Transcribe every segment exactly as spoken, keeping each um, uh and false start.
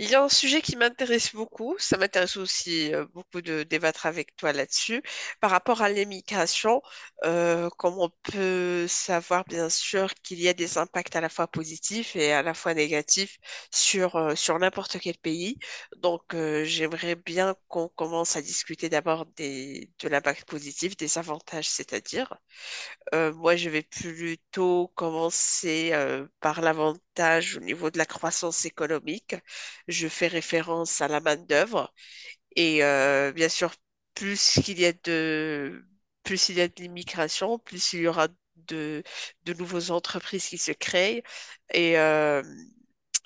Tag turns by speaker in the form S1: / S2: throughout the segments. S1: Il y a un sujet qui m'intéresse beaucoup, ça m'intéresse aussi euh, beaucoup de débattre avec toi là-dessus, par rapport à l'immigration. Euh, comme on peut savoir, bien sûr qu'il y a des impacts à la fois positifs et à la fois négatifs sur, euh, sur n'importe quel pays. Donc euh, j'aimerais bien qu'on commence à discuter d'abord des, de l'impact positif, des avantages, c'est-à-dire. Euh, moi, je vais plutôt commencer euh, par l'avantage au niveau de la croissance économique. Je fais référence à la main-d'œuvre. Et euh, bien sûr, plus qu'il y a de, plus il y a de l'immigration, plus il y aura de, de nouvelles entreprises qui se créent. Et euh,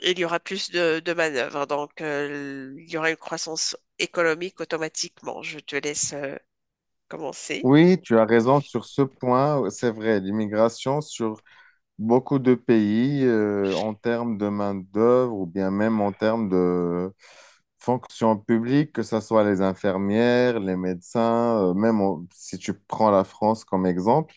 S1: il y aura plus de, de manœuvres. Donc, euh, il y aura une croissance économique automatiquement. Je te laisse euh, commencer.
S2: Oui, tu as raison sur ce point. C'est vrai, l'immigration sur beaucoup de pays, euh, en termes de main-d'œuvre ou bien même en termes de fonction publique, que ce soit les infirmières, les médecins, euh, même au- si tu prends la France comme exemple,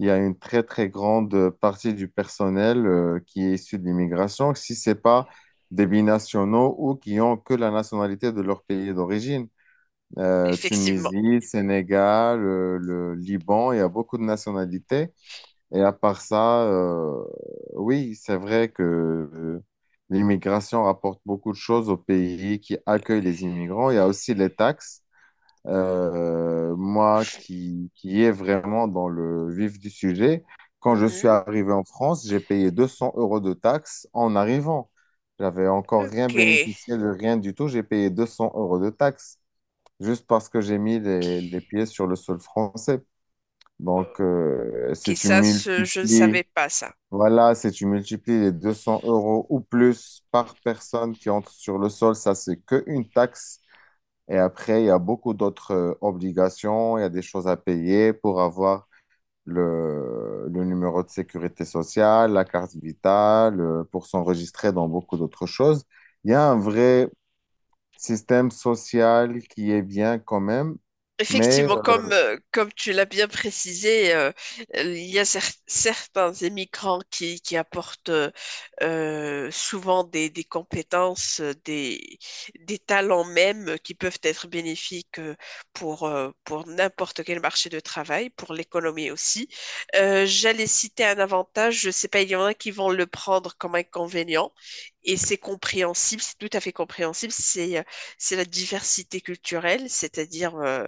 S2: il y a une très, très grande partie du personnel, euh, qui est issu de l'immigration, si ce n'est pas des binationaux ou qui ont que la nationalité de leur pays d'origine euh,
S1: Effectivement.
S2: Tunisie, Sénégal, euh, le, Liban, il y a beaucoup de nationalités. Et à part ça, euh, oui, c'est vrai que euh, l'immigration rapporte beaucoup de choses aux pays qui accueillent les immigrants. Il y a aussi les taxes. Euh, moi qui, qui est vraiment dans le vif du sujet, quand je suis
S1: Mhm.
S2: arrivé en France, j'ai payé deux cents euros de taxes en arrivant. J'avais encore rien
S1: Ok.
S2: bénéficié de rien du tout, j'ai payé deux cents euros de taxes juste parce que j'ai mis les, les pieds sur le sol français. Donc,
S1: Ok,
S2: euh,
S1: ok,
S2: si tu
S1: ça, ce- je ne
S2: multiplies,
S1: savais pas ça.
S2: voilà, si tu multiplies les deux cents euros ou plus par personne qui entre sur le sol, ça, c'est que une taxe. Et après, il y a beaucoup d'autres euh, obligations, il y a des choses à payer pour avoir le, le numéro de sécurité sociale, la carte vitale, euh, pour s'enregistrer dans beaucoup d'autres choses. Il y a un vrai système social qui est bien quand même. Mais
S1: Effectivement, comme, euh, comme tu l'as bien précisé, euh, euh, il y a cer- certains immigrants qui, qui apportent euh, euh, souvent des, des compétences, euh, des, des talents même euh, qui peuvent être bénéfiques euh, pour, euh, pour n'importe quel marché de travail, pour l'économie aussi. Euh, j'allais citer un avantage, je sais pas, il y en a qui vont le prendre comme inconvénient. Et c'est compréhensible, c'est tout à fait compréhensible, c'est euh, c'est la diversité culturelle, c'est-à-dire euh,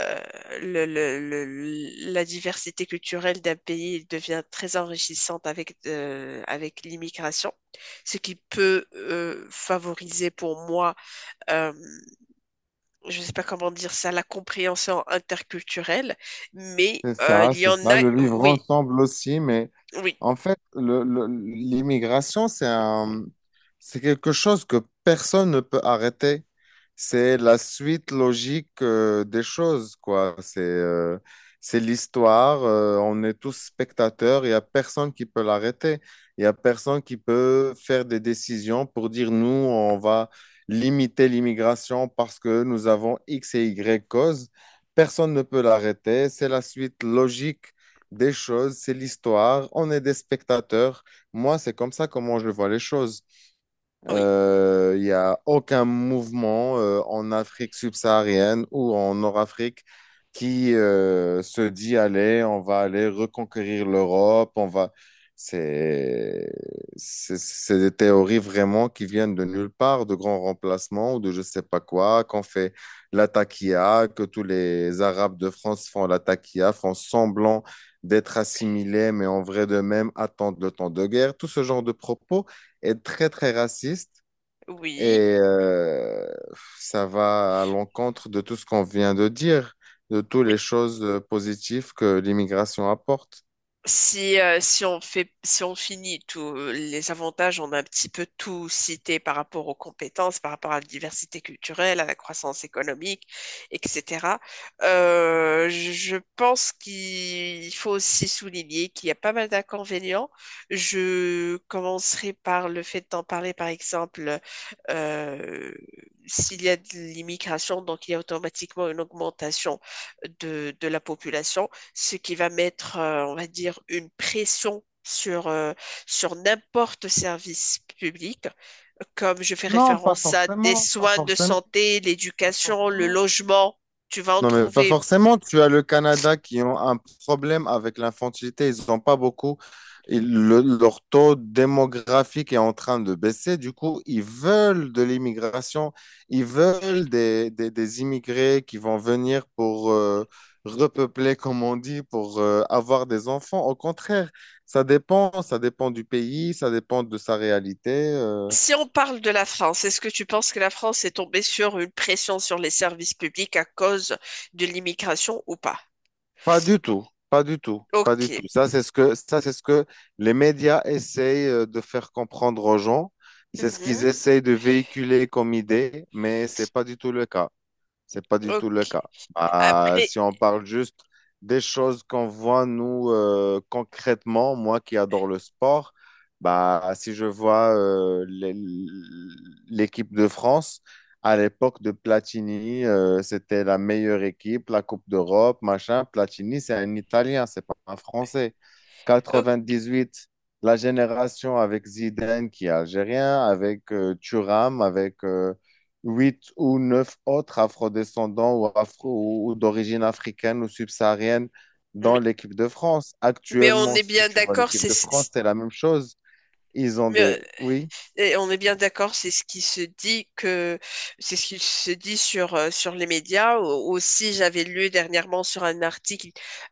S1: euh, le- le- le- la diversité culturelle d'un pays devient très enrichissante avec, euh, avec l'immigration, ce qui peut euh, favoriser, pour moi, euh, je ne sais pas comment dire ça, la compréhension interculturelle, mais
S2: c'est
S1: euh,
S2: ça,
S1: il y
S2: c'est
S1: en
S2: ça.
S1: a,
S2: Le vivre
S1: oui,
S2: ensemble aussi, mais
S1: oui,
S2: en fait, le, le- l'immigration, c'est un, c'est quelque chose que personne ne peut arrêter. C'est la suite logique euh, des choses, quoi. C'est euh, c'est l'histoire. euh, on est tous spectateurs. Il n'y a personne qui peut l'arrêter. Il n'y a personne qui peut faire des décisions pour dire, nous, on va limiter l'immigration parce que nous avons X et Y causes. Personne ne peut l'arrêter. C'est la suite logique des choses. C'est l'histoire. On est des spectateurs. Moi, c'est comme ça comment je vois les choses.
S1: oui,
S2: Euh, Il n'y a aucun mouvement euh, en Afrique subsaharienne ou en Nord-Afrique qui euh, se dit, allez, on va aller reconquérir l'Europe, on va... C'est c'est- c'est des théories vraiment qui viennent de nulle part, de grands remplacements ou de je sais pas quoi, qu'on fait la taquilla, que tous les Arabes de France font la taquilla, font semblant d'être assimilés, mais en vrai de même attendent le temps de guerre. Tout ce genre de propos est très, très raciste et
S1: oui,
S2: euh, ça va à l'encontre de tout ce qu'on vient de dire, de toutes
S1: oui.
S2: les choses euh, positives que l'immigration apporte.
S1: Si, euh, si on fait, si on finit tous les avantages, on a un petit peu tout cité par rapport aux compétences, par rapport à la diversité culturelle, à la croissance économique, et cétéra. Euh, je pense qu'il faut aussi souligner qu'il y a pas mal d'inconvénients. Je commencerai par le fait d'en parler, par exemple, euh, s'il y a de l'immigration, donc il y a automatiquement une augmentation de, de la population, ce qui va mettre, euh, on va dire, une pression sur, euh, sur n'importe service public, comme je fais
S2: Non, pas
S1: référence à des
S2: forcément, pas
S1: soins de
S2: forcément,
S1: santé,
S2: pas
S1: l'éducation, le
S2: forcément.
S1: logement, tu vas en
S2: Non, mais pas
S1: trouver.
S2: forcément. Tu as le Canada qui ont un problème avec l'infantilité. Ils n'ont pas beaucoup. Ils- le- leur taux démographique est en train de baisser. Du coup, ils veulent de l'immigration. Ils veulent des, des- des immigrés qui vont venir pour euh, repeupler, comme on dit, pour euh, avoir des enfants. Au contraire, ça dépend. Ça dépend du pays, ça dépend de sa réalité. euh.
S1: Si on parle de la France, est-ce que tu penses que la France est tombée sur une pression sur les services publics à cause de l'immigration ou pas?
S2: Pas du tout, pas du tout, pas du
S1: Ok.
S2: tout. Ça, c'est ce que, ça, c'est ce que les médias essayent euh, de faire comprendre aux gens. C'est ce qu'ils
S1: Mhm.
S2: essayent de véhiculer comme idée, mais c'est pas du tout le cas. C'est pas du tout le
S1: Ok.
S2: cas. Ah,
S1: Après,
S2: si on parle juste des choses qu'on voit, nous, euh, concrètement, moi qui adore le sport, bah, si je vois euh, l'é- l'équipe de France, à l'époque de Platini, euh, c'était la meilleure équipe, la Coupe d'Europe, machin. Platini, c'est un Italien, c'est pas un Français.
S1: ok.
S2: Quatre-vingt-dix-huit, la génération avec Zidane qui est algérien, avec euh, Thuram, avec euh, huit ou neuf autres afrodescendants ou, afro, ou d'origine africaine ou subsaharienne dans
S1: mais
S2: l'équipe de France.
S1: mais on
S2: Actuellement,
S1: est
S2: si
S1: bien
S2: tu vois
S1: d'accord,
S2: l'équipe
S1: c'est,
S2: de France, c'est la même chose. Ils ont des... Oui.
S1: et on est bien d'accord, c'est ce qui se dit que c'est ce qui se dit sur euh, sur les médias. Au- Aussi, j'avais lu dernièrement sur un article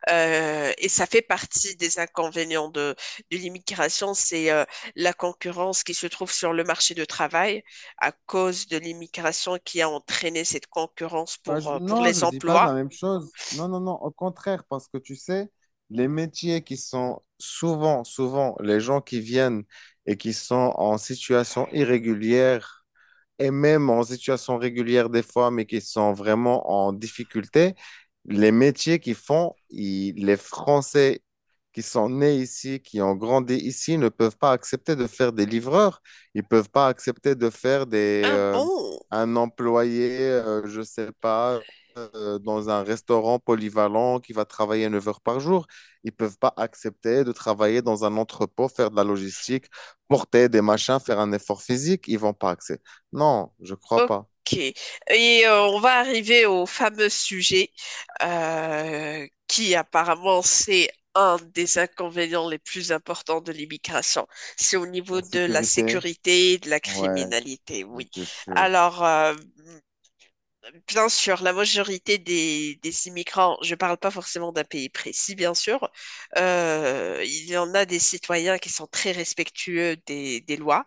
S1: euh, et ça fait partie des inconvénients de de l'immigration, c'est euh, la concurrence qui se trouve sur le marché de travail à cause de l'immigration qui a entraîné cette concurrence
S2: Bah,
S1: pour
S2: je-
S1: euh, pour
S2: non, je
S1: les
S2: ne dis pas la
S1: emplois.
S2: même chose. Non, non, non, au contraire, parce que tu sais, les métiers qui sont souvent, souvent, les gens qui viennent et qui sont en situation irrégulière et même en situation régulière des fois, mais qui sont vraiment en difficulté, les métiers qu'ils font, ils- les Français qui sont nés ici, qui ont grandi ici, ne peuvent pas accepter de faire des livreurs. Ils peuvent pas accepter de faire des,
S1: Ah
S2: euh,
S1: bon?
S2: un employé, euh, je sais pas, euh, dans un restaurant polyvalent qui va travailler neuf heures par jour. Ils peuvent pas accepter de travailler dans un entrepôt, faire de la logistique, porter des machins, faire un effort physique. Ils vont pas accepter. Non, je crois pas.
S1: Ok. Et euh, on va arriver au fameux sujet euh, qui apparemment c'est un des inconvénients les plus importants de l'immigration. C'est au niveau
S2: La
S1: de la
S2: sécurité,
S1: sécurité et de la
S2: ouais,
S1: criminalité, oui.
S2: j'étais sûr.
S1: Alors, euh, bien sûr, la majorité des, des immigrants, je ne parle pas forcément d'un pays précis, bien sûr, euh, il y en a des citoyens qui sont très respectueux des, des lois,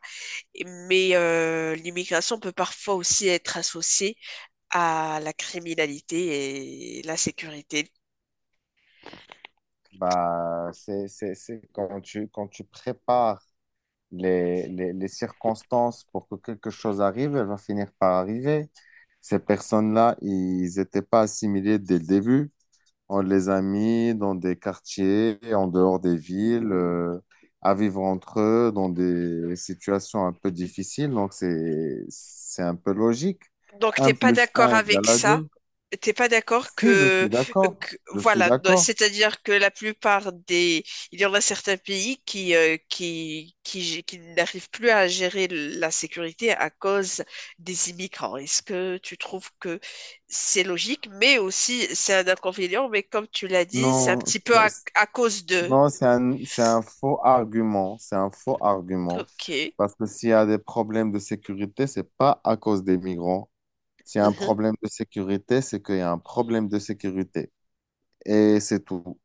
S1: mais euh, l'immigration peut parfois aussi être associée à la criminalité et la sécurité.
S2: Bah, c'est, c'est, c'est quand tu, quand tu prépares les, les, les circonstances pour que quelque chose arrive, elle va finir par arriver. Ces personnes-là, ils n'étaient pas assimilés dès le début. On les a mis dans des quartiers, en dehors des villes, euh, à vivre entre eux, dans des situations un peu difficiles. Donc, c'est, c'est un peu logique.
S1: Donc, t'es
S2: Un
S1: pas
S2: plus
S1: d'accord
S2: un
S1: avec
S2: égale à
S1: ça?
S2: deux.
S1: T'es pas d'accord
S2: Si, je
S1: que,
S2: suis d'accord,
S1: que-
S2: je suis
S1: voilà, do-
S2: d'accord.
S1: c'est-à-dire que la plupart des, il y en a certains pays qui euh, qui qui, gé- qui n'arrivent plus à gérer la sécurité à cause des immigrants. Est-ce que tu trouves que c'est logique, mais aussi c'est un inconvénient, mais comme tu l'as dit, c'est un
S2: Non,
S1: petit peu à,
S2: c'est-
S1: à cause de.
S2: non, c'est un, c'est un faux argument, c'est un faux argument.
S1: Ok,
S2: Parce que s'il y a des problèmes de sécurité, c'est pas à cause des migrants. S'il y a un
S1: mhm,
S2: problème de sécurité, c'est qu'il y a un problème de sécurité. Et c'est tout.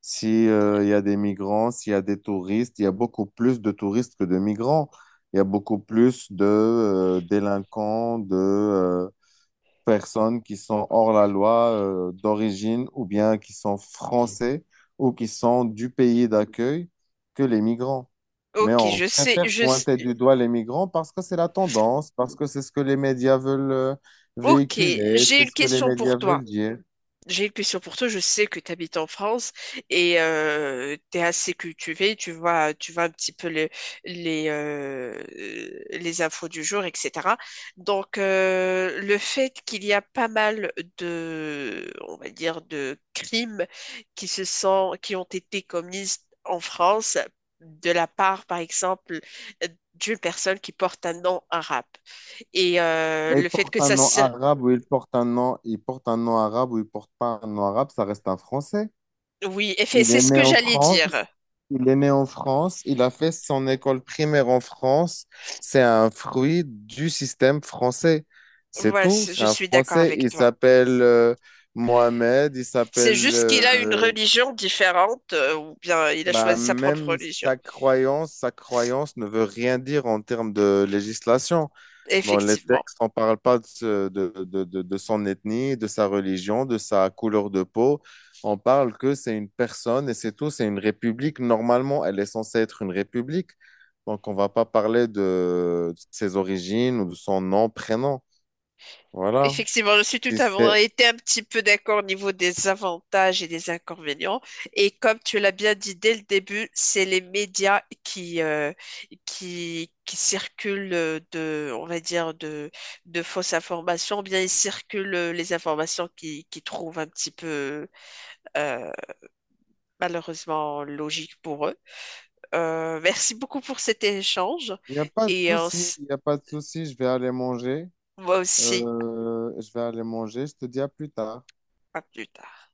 S2: Si, euh, il y a des migrants, s'il y a des touristes, il y a beaucoup plus de touristes que de migrants. Il y a beaucoup plus de euh, délinquants, de euh, personnes qui sont hors la loi euh, d'origine ou bien qui sont français ou qui sont du pays d'accueil que les migrants. Mais
S1: ok,
S2: on
S1: je sais,
S2: préfère
S1: je sais.
S2: pointer du doigt les migrants parce que c'est la tendance, parce que c'est ce que les médias veulent euh,
S1: Ok,
S2: véhiculer,
S1: j'ai
S2: c'est
S1: une
S2: ce que les
S1: question pour
S2: médias
S1: toi.
S2: veulent dire.
S1: J'ai une question pour toi. Je sais que tu habites en France et tu es assez cultivé. Tu vois, tu vois un petit peu les les, euh, les infos du jour, et cétéra. Donc, euh, le fait qu'il y a pas mal de, on va dire, de crimes qui se sont, qui ont été commis en France de la part, par exemple, d'une personne qui porte un nom arabe. Et euh,
S2: Mais
S1: le
S2: il
S1: fait
S2: porte
S1: que
S2: un
S1: ça...
S2: nom
S1: se-
S2: arabe ou il porte un nom, il porte un nom arabe ou il porte pas un nom arabe, ça reste un Français.
S1: Oui, effet-
S2: Il
S1: c'est
S2: est
S1: ce
S2: né
S1: que
S2: en
S1: j'allais
S2: France.
S1: dire.
S2: Il est né en France. Il a fait son école primaire en France. C'est un fruit du système français. C'est
S1: Ouais,
S2: tout.
S1: c'est-
S2: C'est
S1: je
S2: un
S1: suis d'accord
S2: Français.
S1: avec
S2: Il
S1: toi.
S2: s'appelle euh, Mohamed. Il
S1: C'est
S2: s'appelle.
S1: juste qu'il a une
S2: Euh,
S1: religion différente, euh, ou bien il a
S2: bah,
S1: choisi sa propre
S2: même
S1: religion.
S2: sa croyance, sa croyance ne veut rien dire en termes de législation. Dans les
S1: Effectivement.
S2: textes, on ne parle pas de, ce- de, de- de- de son ethnie, de sa religion, de sa couleur de peau. On parle que c'est une personne et c'est tout. C'est une république. Normalement, elle est censée être une république. Donc, on ne va pas parler de ses origines ou de son nom, prénom. Voilà.
S1: Effectivement, je suis tout
S2: Et
S1: à
S2: c'est-
S1: fait été un petit peu d'accord au niveau des avantages et des inconvénients. Et comme tu l'as bien dit dès le début, c'est les médias qui, euh, qui, qui circulent euh, de, on va dire, de, de fausses informations, bien ils circulent euh, les informations qui, qui trouvent un petit peu, euh, malheureusement, logiques pour eux. Euh, merci beaucoup pour cet échange
S2: Il n'y a pas de
S1: et euh,
S2: souci. Il n'y a pas de souci. Je vais aller manger.
S1: moi aussi,
S2: Euh, je vais aller manger. Je te dis à plus tard.
S1: à plus tard.